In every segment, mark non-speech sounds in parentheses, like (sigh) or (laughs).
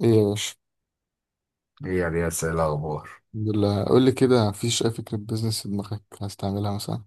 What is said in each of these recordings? ايه يا باشا. ايه يا رياس، ايه الاخبار؟ الحمد لله. قول لي كده مفيش اي فكره بيزنس في دماغك عايز تعملها مثلا؟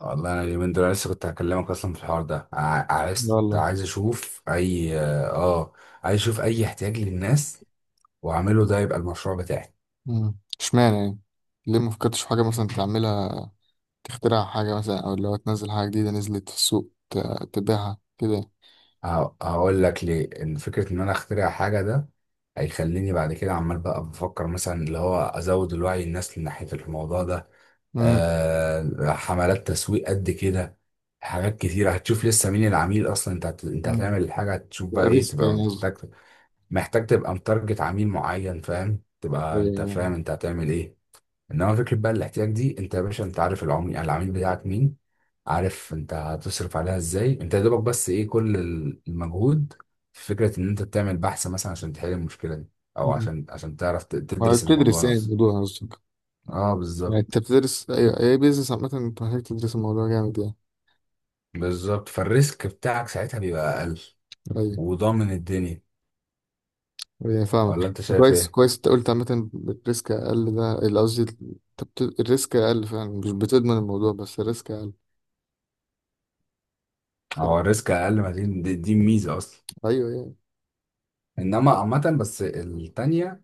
والله انا اليومين دول لسه كنت هكلمك اصلا في الحوار ده. ع- لا عايز والله. عايز اشوف اي اه عايز اشوف اي احتياج للناس واعمله، ده يبقى المشروع بتاعي. اشمعنى يعني؟ ليه ما فكرتش في حاجه مثلا تعملها؟ تخترع حاجه مثلا، او اللي هو تنزل حاجه جديده نزلت في السوق، تبيعها كده؟ هقول لك ليه. ان فكره ان انا اخترع حاجه، ده هيخليني بعد كده عمال بقى بفكر مثلا اللي هو ازود الوعي الناس من ناحيه الموضوع ده. امم حملات تسويق قد كده. حاجات كتيرة هتشوف لسه مين العميل اصلا. انت امم هتعمل الحاجة، هتشوف بقى ايه ريسك تبقى يعني، قصدي. محتاج. محتاج تبقى متارجت عميل معين، فاهم؟ تبقى انت أيوة. فاهم انت هتعمل ايه. انما فكره بقى الاحتياج دي، انت يا باشا انت عارف العميل بتاعك مين، عارف انت هتصرف عليها ازاي، انت يا دوبك بس ايه كل المجهود، في فكره ان انت تعمل بحث مثلا عشان تحل المشكله دي، او أمم. عشان تعرف ما تدرس بتدرس الموضوع يعني نفسه. الموضوع قصدك؟ اه يعني بالظبط. انت بتدرس اي بيزنس، عامه انت محتاج تدرس الموضوع جامد يعني. بالظبط، فالريسك بتاعك ساعتها بيبقى اقل طيب. وضامن الدنيا. يعني ولا فاهمك انت شايف كويس ايه؟ كويس. انت قلت عامة الريسك أقل، ده اللي قصدي، انت الريسك أقل فعلا، مش بتضمن الموضوع بس الريسك أقل. ف... هو الريسك اقل، ما دي ميزه اصلا. أيوه يعني. انما عامه بس التانية،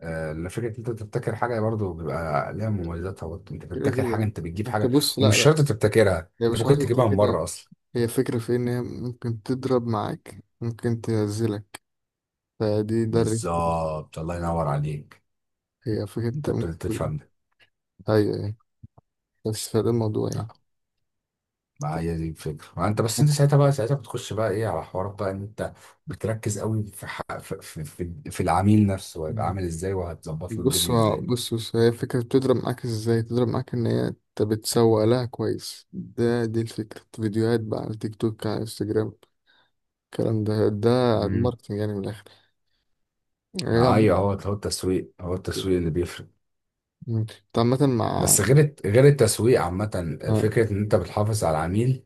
آه، فكرة إن انت تبتكر حاجة برضو بيبقى ليها مميزاتها. برضو انت كده بتبتكر كده حاجة، يعني. انت بتجيب انت حاجة، بص، لا ومش لا، شرط تبتكرها. هي انت مش حوار ممكن انت تجيبها من كده. بره اصلا. هي فكرة في إن هي ممكن تضرب معاك، ممكن تنزلك، فدي ده الريسك. بالظبط، الله ينور عليك. هي فكرة انت انت ابتديت ممكن. تفهم ده. أيوه يعني. بس فده الموضوع لا، ما هي دي الفكرة. ما انت بس، يعني. انت ساعتها بقى، ساعتها بتخش بقى ايه على حوارات بقى ان انت بتركز قوي في ح... في... في... في في العميل نفسه هيبقى عامل ازاي، وهتظبط له بص الدنيا ازاي. بص بص، هي الفكرة بتضرب معاك ازاي؟ تضرب معاك ان هي انت بتسوق لها كويس، ده دي الفكرة، فيديوهات بقى على تيك توك، على انستجرام، الكلام ده. امم الماركتنج يعني من الاخر، يعني هي ما عامة. ايوه، هو التسويق، هو التسويق اللي بيفرق. مم. انت عامة بس غير التسويق عامة، مع- فكرة ان انت بتحافظ على العميل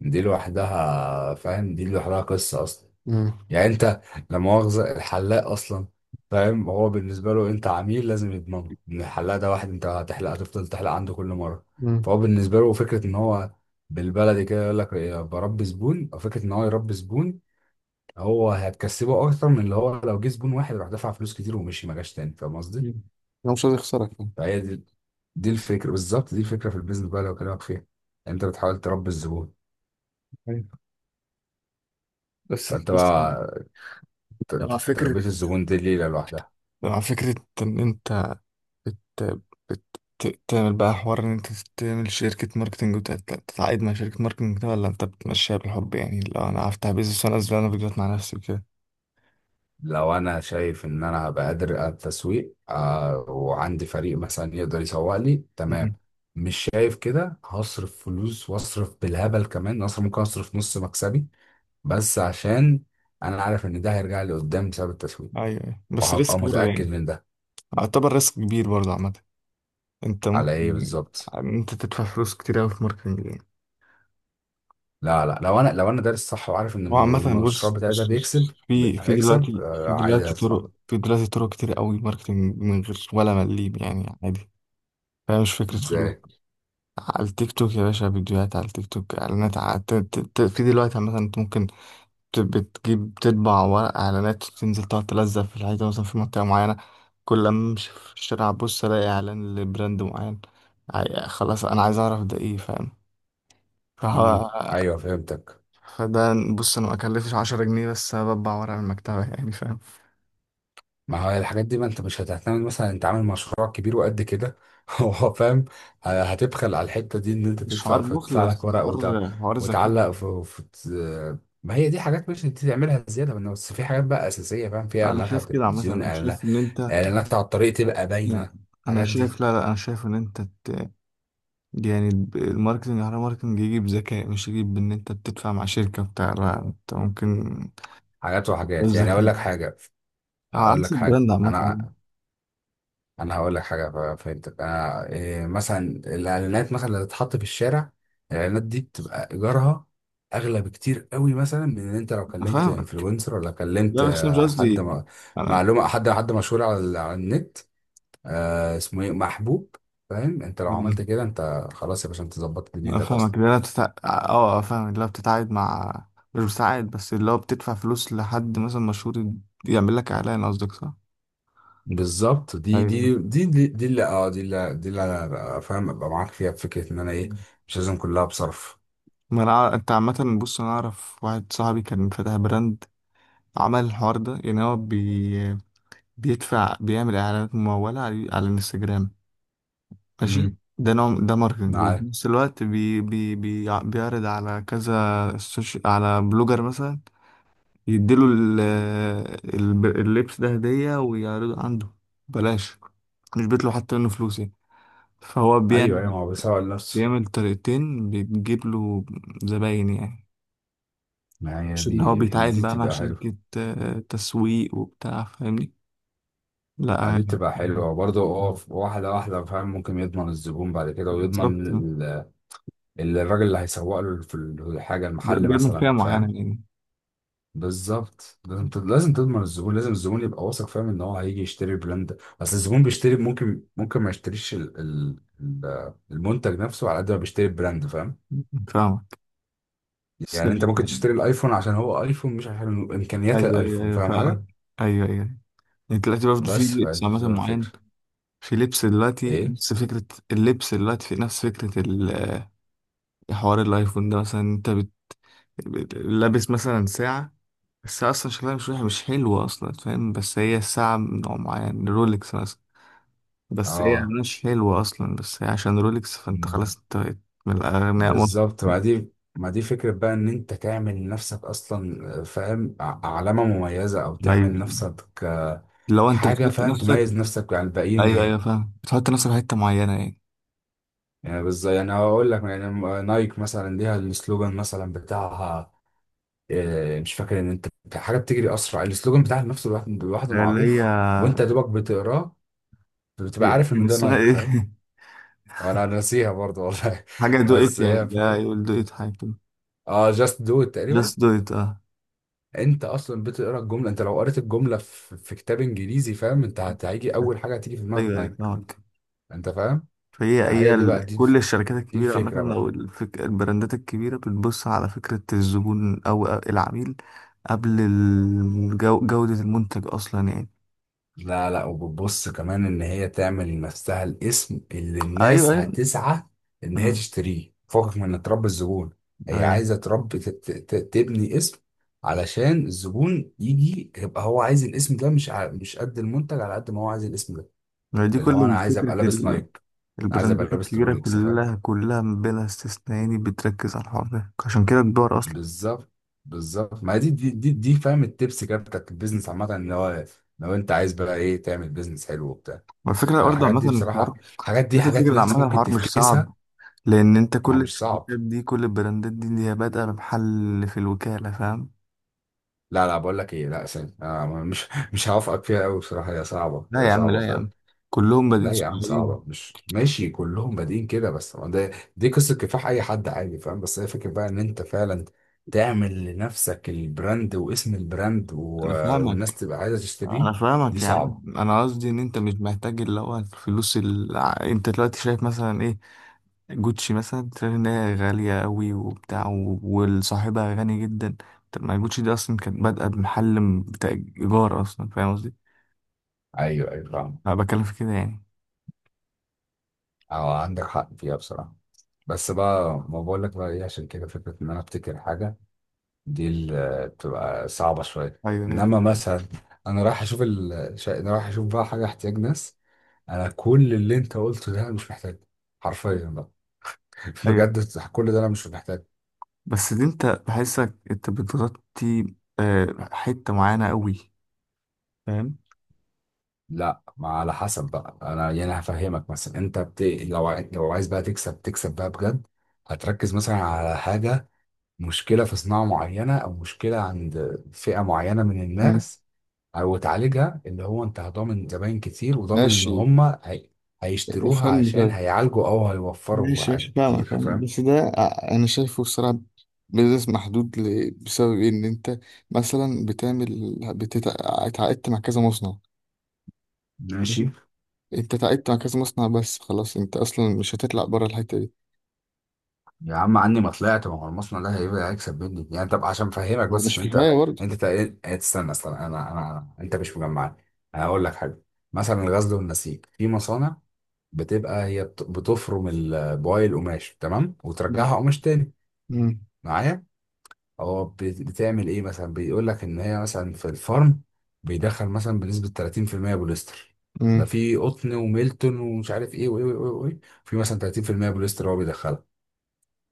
دي لوحدها، فاهم؟ دي لوحدها قصة أصلا. مم. يعني أنت، لا مؤاخذة، الحلاق أصلا، فاهم؟ هو بالنسبة له أنت عميل، لازم يضمنه إن الحلاق ده واحد أنت هتحلق هتفضل تحلق عنده كل مرة. مم. فهو بالنسبة له فكرة إن هو، بالبلدي كده يقول لك إيه، بربي زبون، أو فكرة إن هو يربي زبون، هو هتكسبه أكتر من اللي هو لو جه زبون واحد راح دفع فلوس كتير ومشي ما جاش تاني. فاهم قصدي؟ مم. انا مش عايز اخسرك يعني. فهي دي، دي الفكرة بالظبط، دي الفكرة في البيزنس بقى اللي بكلمك فيها. أنت بتحاول تربي الزبون. أيوة. بس فأنت بس، بقى، مع فكرة تربية الزبون دي ليلة لوحدها. مع فكرة ان انت بت... بت... تعمل بقى حوار ان انت تعمل شركة ماركتنج، وتتعاقد مع شركة ماركتنج كده، ولا انت بتمشيها بالحب يعني؟ لو انا هفتح بيزنس وانا انزل انا فيديوهات مع نفسي وكده. لو أنا شايف إن أنا هبقى قادر على التسويق، آه، وعندي فريق مثلا يقدر يسوق لي تمام، مم. مش شايف كده هصرف فلوس وأصرف بالهبل كمان، أصرف ممكن أصرف نص مكسبي، بس عشان أنا عارف إن ده هيرجع لي قدام بسبب التسويق، ايوه أيوة. بس وهبقى ريسك برضه متأكد يعني. من ده. اعتبر ريسك كبير برضه عامة، انت على ممكن إيه بالظبط؟ ان انت تدفع فلوس كتير قوي في ماركتنج يعني. لا لا، لو أنا دارس صح، وعارف إن هو عامة، المشروع بص بتاعي ده بص بيكسب، بص، في هيكسب، دلوقتي آه في عادي دلوقتي هدفع. طرق في دلوقتي طرق كتير قوي ماركتنج من غير ولا مليم يعني، عادي. فهي مش فكرة فلوس. إزاي؟ على التيك توك يا باشا، فيديوهات على التيك توك، اعلانات في دلوقتي مثلا انت ممكن بتجيب تطبع ورق اعلانات، وتنزل تقعد تلزق في الحيطه مثلا في منطقه معينه. كل ما امشي في الشارع ابص، الاقي اعلان لبراند معين. خلاص انا عايز اعرف ده ايه، فاهم؟ مم. فه- (laughs) أيوه فهمتك. فده بص، انا ما اكلفش 10 جنيه بس، بطبع ورق من المكتبه. (laughs) يعني فاهم. ما هو الحاجات دي، ما انت مش هتعتمد مثلا، انت عامل مشروع كبير وقد كده (laughs) هو فاهم. هتبخل على الحتة دي ان انت مش حوار تدفع، بخل، فتدفع لك بس ورق حوار ذكاء. وتعلق في... في... ما هي دي حاجات مش انت تعملها زيادة منه. بس في حاجات بقى أساسية، فاهم؟ فيها انا إعلانات على شايف كده عامه، التلفزيون، انا إعلانات، شايف ان انت. إعلانات على الطريق تبقى باينة. لا، انا الحاجات دي شايف، لا لا، انا شايف ان انت يعني، الماركتنج على ماركتنج يجي بذكاء، مش يجي بان انت بتدفع مع شركة بتاع، لا انت ممكن حاجات وحاجات. يعني أقول بذكاء لك حاجة، على أقول لك حسب حاجة البراند عامة. أنا انا هقول لك حاجه. فهمتك. انا إيه مثلا؟ الاعلانات مثلا اللي تتحط في الشارع، الاعلانات دي بتبقى ايجارها اغلى بكتير قوي، مثلا من ان انت لو انا كلمت فاهمك، انفلونسر، ولا كلمت لا بس انا مش قصدي انا. معلومه، حد مشهور على النت، آه اسمه ايه، محبوب، فاهم؟ انت لو عملت كده، انت خلاص يا باشا، انت ظبطت انا دنيتك فاهمك، اصلا. لا بتتع... اه آه، فاهمك، لا بتتعاقد مع، مش بتتعاقد، بس اللي هو بتدفع فلوس لحد مثلا مشهور يعمل لك اعلان قصدك، صح؟ بالظبط، دي ايوه. دي دي دي, دي اللي، دي اللي انا بقى فاهم ابقى معاك فيها، بفكره ان انا ايه، مش لازم كلها بصرف. ما انا أع- انت عامة بص، انا اعرف واحد صاحبي كان فاتح براند، عمل الحوار ده يعني، هو بيدفع، بيعمل اعلانات ممولة على الانستجرام. ماشي، امم. ده نوع، ده ماركتنج. وفي معاك. نفس الوقت بي بي بي بيعرض على كذا سوشي، على بلوجر مثلا، يديله اللبس ده هدية ويعرضه عنده بلاش، مش بيطلع حتى منه فلوس يعني. فهو ايوه ايوه، بيعمل ما هو بيسوق لنفسه. بيعمل طريقتين بتجيب له زباين يعني، ما هي مش اللي هو بيتعاقد دي بقى مع تبقى حلوة. شركة تسويق وبتاع، فاهمني؟ لا يعني دي يعني. بتبقى حلوة برضه. واحدة واحدة، فاهم؟ ممكن يضمن الزبون بعد كده، ويضمن بالظبط. ال- الراجل اللي هيسوق له في الحاجة، المحل بيعمل مثلا، فئة معينة فاهم؟ يعني. بالظبط، لازم تضمن الزبون، لازم الزبون يبقى واثق، فاهم ان هو هيجي يشتري البراند. اصل الزبون بيشتري، ممكن ما يشتريش ال- المنتج نفسه على قد ما بيشتري البراند، فاهم؟ فاهمك. بس يعني انت يعني ممكن تشتري الايفون عشان هو ايفون، مش عشان امكانيات أيوه أيوه الايفون، أيوه فاهم فاهمك. حاجة؟ أيوه أيوه. يعني دلوقتي برضه في بس لبس فدي عامة بتبقى الفكرة. معين، في لبس دلوقتي ايه؟ نفس فكرة، اللبس دلوقتي في نفس فكرة حوار الأيفون ده مثلا. أنت لابس مثلا ساعة، الساعة أصلا شكلها مش حلوة أصلا، فاهم؟ بس هي الساعة من نوع معين، رولكس مثلا. بس هي اه مش حلوة أصلا، بس هي عشان رولكس، فأنت خلاص، أنت بقيت من الأغنياء مصر. بالظبط. ما دي فكرة بقى ان انت تعمل لنفسك اصلا، فاهم، علامة مميزة، او تعمل أيوه. لنفسك لو أنت حاجة بتحط فاهم، نفسك، تميز نفسك عن الباقيين ايوه ايوه بيها. فاهم، بتحط نفسك في حته معينه يعني. يعني بالظبط، يعني هقول لك، يعني نايك مثلا ليها السلوجان مثلا بتاعها، آه، مش فاكر ان انت، حاجة بتجري اسرع، السلوجان بتاع نفسه لوحده اللي هي معروف، وانت يا دوبك بتقراه بتبقى عارف كان ان ده اسمها نايك، ايه؟ فاهم؟ انا ناسيها برضه والله (laughs) حاجه (laughs) دو ات بس يعني، هي لا، فاهم. يقول دو ات، حاجه كده. اه، جاست دو تقريبا. جاست دو ات، اه. انت اصلا بتقرا الجمله، انت لو قريت الجمله في كتاب انجليزي، فاهم؟ انت هيجي اول حاجه هتيجي في دماغك ايوه ايوه نايك، فاهمك. انت فاهم؟ فهي ما هي هي دي بقى كل الشركات دي الكبيره الفكره عامه، بقى. او البراندات الكبيره بتبص على فكره الزبون او العميل قبل جوده المنتج اصلا يعني. لا لا، وبتبص كمان ان هي تعمل لنفسها الاسم اللي ايوه الناس ايوه. هتسعى ان هي مم. تشتريه فوقك، من ان تربي الزبون. هي ايوه. عايزه تربي، تبني اسم، علشان الزبون يجي يبقى هو عايز الاسم ده، مش مش قد المنتج على قد ما هو عايز الاسم ده، ما دي اللي هو انا كل عايز فكره ابقى لابس نايك، عايز ابقى البراندات لابس الكبيرة، رولكس، فاهم؟ كلها كلها بلا استثناء يعني، بتركز على الحوار ده، عشان كده كبار أصلا. بالظبط. بالظبط، ما دي فاهم، التبس كده بتاعت البيزنس عامة ان هو، لو انت عايز بقى ايه تعمل بيزنس حلو وبتاع، والفكرة على برضه الحاجات دي عامة بصراحة. الحوار، الحاجات دي نفس حاجات الفكرة ناس عامة، ممكن الحوار مش تفكسها. صعب، لأن أنت ما هو كل مش صعب. الشركات دي، كل البراندات دي اللي هي بادئة بمحل في الوكالة، فاهم؟ لا لا، بقول لك ايه، لا ثاني مش، مش هوافقك فيها قوي بصراحة. هي صعبة، لا هي يا عم، صعبة لا يا فعلا. عم، كلهم بادئين لا يا عم صغيرين. صعبة، مش ماشي كلهم بادئين كده، بس ما ده دي قصة كفاح اي حد عادي، فاهم؟ بس هي فكرة بقى ان انت فعلا تعمل لنفسك البراند واسم البراند، و... أنا والناس فاهمك، تبقى عايزة تشتريه. أنا دي فاهمك يا عم، صعبة. أنا قصدي إن أنت مش محتاج اللي هو الفلوس اللي أنت دلوقتي شايف مثلا إيه، جوتشي مثلا تلاقي ان هي غالية قوي وبتاع، والصاحبها غني جدا. طب ما جوتشي دي اصلا كانت بادئة بمحل بتاع ايجار اصلا، فاهم قصدي؟ ايوه ايوه فاهم. انا بتكلم في كده يعني. اه عندك حق فيها بصراحه. بس بقى، ما بقول لك بقى ايه، عشان كده فكره ان انا افتكر حاجه، دي اللي بتبقى صعبه شويه. ايوه ايوه انما مثلا، انا رايح اشوف انا رايح اشوف بقى حاجه احتياج ناس. انا كل اللي انت قلته ده انا مش محتاجه، حرفيا بقى (laughs) ايوه. بجد. كل ده انا مش محتاجه. بس دي انت بحسك انت بتغطي حتة معينة قوي، فاهم. لا، ما على حسب بقى. انا يعني هفهمك مثلا، لو عايز بقى تكسب، بقى بجد، هتركز مثلا على حاجه، مشكلة في صناعة معينة أو مشكلة عند فئة معينة من مم. الناس، أو تعالجها، اللي هو أنت هضامن زباين كتير، وضامن إن ماشي. هما هي... هيشتروها افهمني عشان طيب. هيعالجوا أو هيوفروا ماشي ماشي حاجات كتير، فاهمك فاهم، فاهم؟ بس ده، انا شايفه الصراحة بيزنس محدود، بسبب إيه؟ ان انت مثلا بتعمل، بتتعاقدت مع كذا مصنع. ماشي. انت تعبت مع كذا مصنع، بس خلاص انت اصلا مش هتطلع بره الحته دي. يا عم عني ما طلعت، ما هو المصنع ده هيبقى هيكسب مني يعني. طب عشان أفهمك هو بس، مش عشان كفايه أنت، برضه. أنت تستنى أصلا. أنت مش مجمعني. أنا هقول لك حاجة. مثلا الغزل والنسيج في مصانع بتبقى هي بتفرم بواقي القماش تمام، مم. وترجعها قماش تاني، مم. معايا؟ هو بتعمل ايه مثلا؟ بيقول لك ان هي مثلا في الفرن بيدخل مثلا بنسبة 30% بوليستر. مم. بقى في قطن وميلتون ومش عارف ايه وايه وايه وايه، في مثلا 30% بوليستر هو بيدخلها.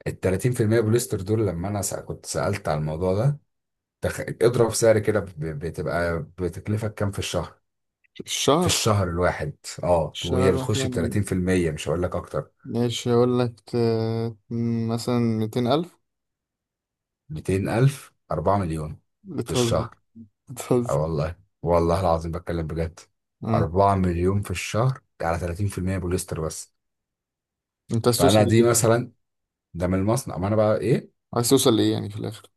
ال 30% بوليستر دول، لما انا كنت سألت على الموضوع ده، تخ... اضرب سعر كده ب-، بتبقى بتكلفك كام في الشهر، في الشهر. الشهر الواحد؟ اه، وهي الشهر بتخش ب مثلا. 30%، مش هقول لك اكتر. ماشي هقول لك، مثلا 200,000. 200,000، 4 مليون في بتهزر الشهر. اه بتهزر. والله، والله العظيم بتكلم بجد. مم. 4 مليون في الشهر ده على 30% بوليستر بس. انت عايز توصل فانا لإيه دي طيب؟ مثلا، ده من المصنع، ما انا بقى ايه، عايز توصل لإيه يعني في الآخر؟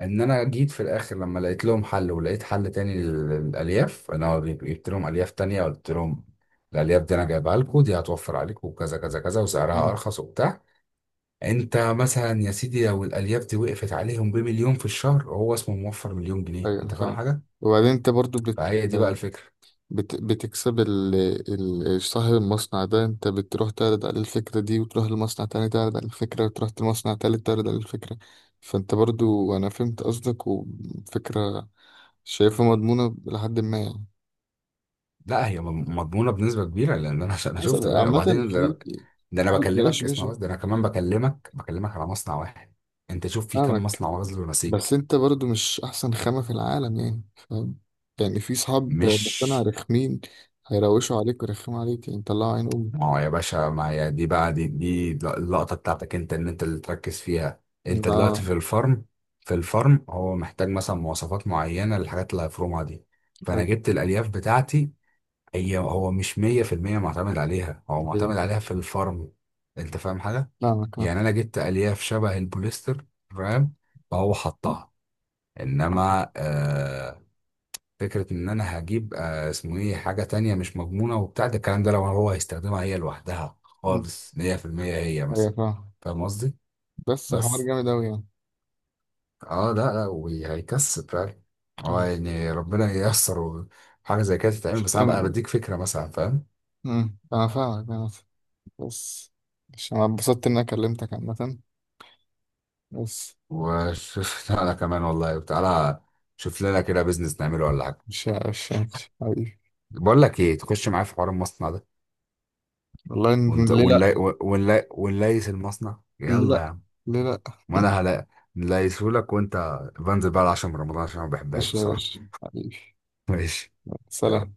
ان انا جيت في الاخر لما لقيت لهم حل، ولقيت حل تاني للالياف. انا جبت لهم الياف تانية، قلت لهم الالياف دي انا جايبها لكم، دي هتوفر عليكم وكذا كذا كذا، وسعرها مم. ارخص وبتاع. انت مثلا يا سيدي، لو الالياف دي وقفت عليهم بمليون في الشهر، هو اسمه موفر مليون جنيه، أيوة أنا انت فاهم فاهم. حاجه؟ وبعدين أنت برضو فهي دي بقى الفكره. بتكسب صاحب المصنع ده انت بتروح تعرض عليه الفكرة دي، وتروح لمصنع تاني تعرض عليه الفكرة، وتروح لمصنع تالت تعرض عليه الفكرة. فانت برضو، انا فهمت قصدك، وفكرة شايفها مضمونة لحد ما يعني. لا، هي مضمونه بنسبه كبيره، لان انا انا بص، شفت بقى. عامة. وبعدين ده في انا، ده أنا في ماشي بكلمك، اسمع ماشي بس، ده انا كمان بكلمك، على مصنع واحد. انت شوف في كم فاهمك. مصنع غزل ونسيج. بس انت برضو مش احسن خامة في العالم يعني، فاهم؟ يعني في صحاب مقتنع مش، رخمين، هيروشوا عليك ويرخموا عليك يعني، طلعوا عين امي. ما هو يا باشا، ما هي دي بقى دي اللقطه بتاعتك انت، ان انت اللي تركز فيها. انت دلوقتي اه. في الفرم. في الفرم هو محتاج مثلا مواصفات معينه للحاجات اللي هيفرمها دي، فانا جبت الالياف بتاعتي. هي، هو مش 100% معتمد عليها، هو طيب، معتمد عليها في الفرم، انت فاهم حاجه؟ فاهمك آه. يعني انا جبت الياف شبه البوليستر، فاهم؟ فهو حطها. انما فكره ان انا هجيب آه اسمه ايه حاجه تانية مش مضمونه وبتاع، ده الكلام ده لو هو هيستخدمها هي لوحدها خالص 100%، هي ايوه مثلا، فاهم. فاهم قصدي؟ بس حوار بس. جامد اوي يعني. اه لا لا، وهيكسب فعلا. اه أيوة. يعني ربنا ييسر حاجه زي كده تتعمل، بس انا بقى أم- بديك فكره مثلا، فاهم؟ أمم، انا فاهمك انا فاهمك. بس، مش انا اتبسطت اني كلمتك عامة، بس وشوف (laughs) انا كمان والله تعالى، شوف لنا كده بيزنس نعمله ولا حاجه. مش حبيبي. بقول لك ايه، تخش معايا في حوار المصنع ده؟ والله ونت- ليه ونلي لا، ونليس المصنع، ليه يلا يا لا، عم. ليه لا. ما انا (laughs) هلا نليسهولك، وانت بنزل بقى العشاء من رمضان عشان ما بحبهاش مش يا بصراحه باشا حبيبي. (laughs) ماشي. سلام.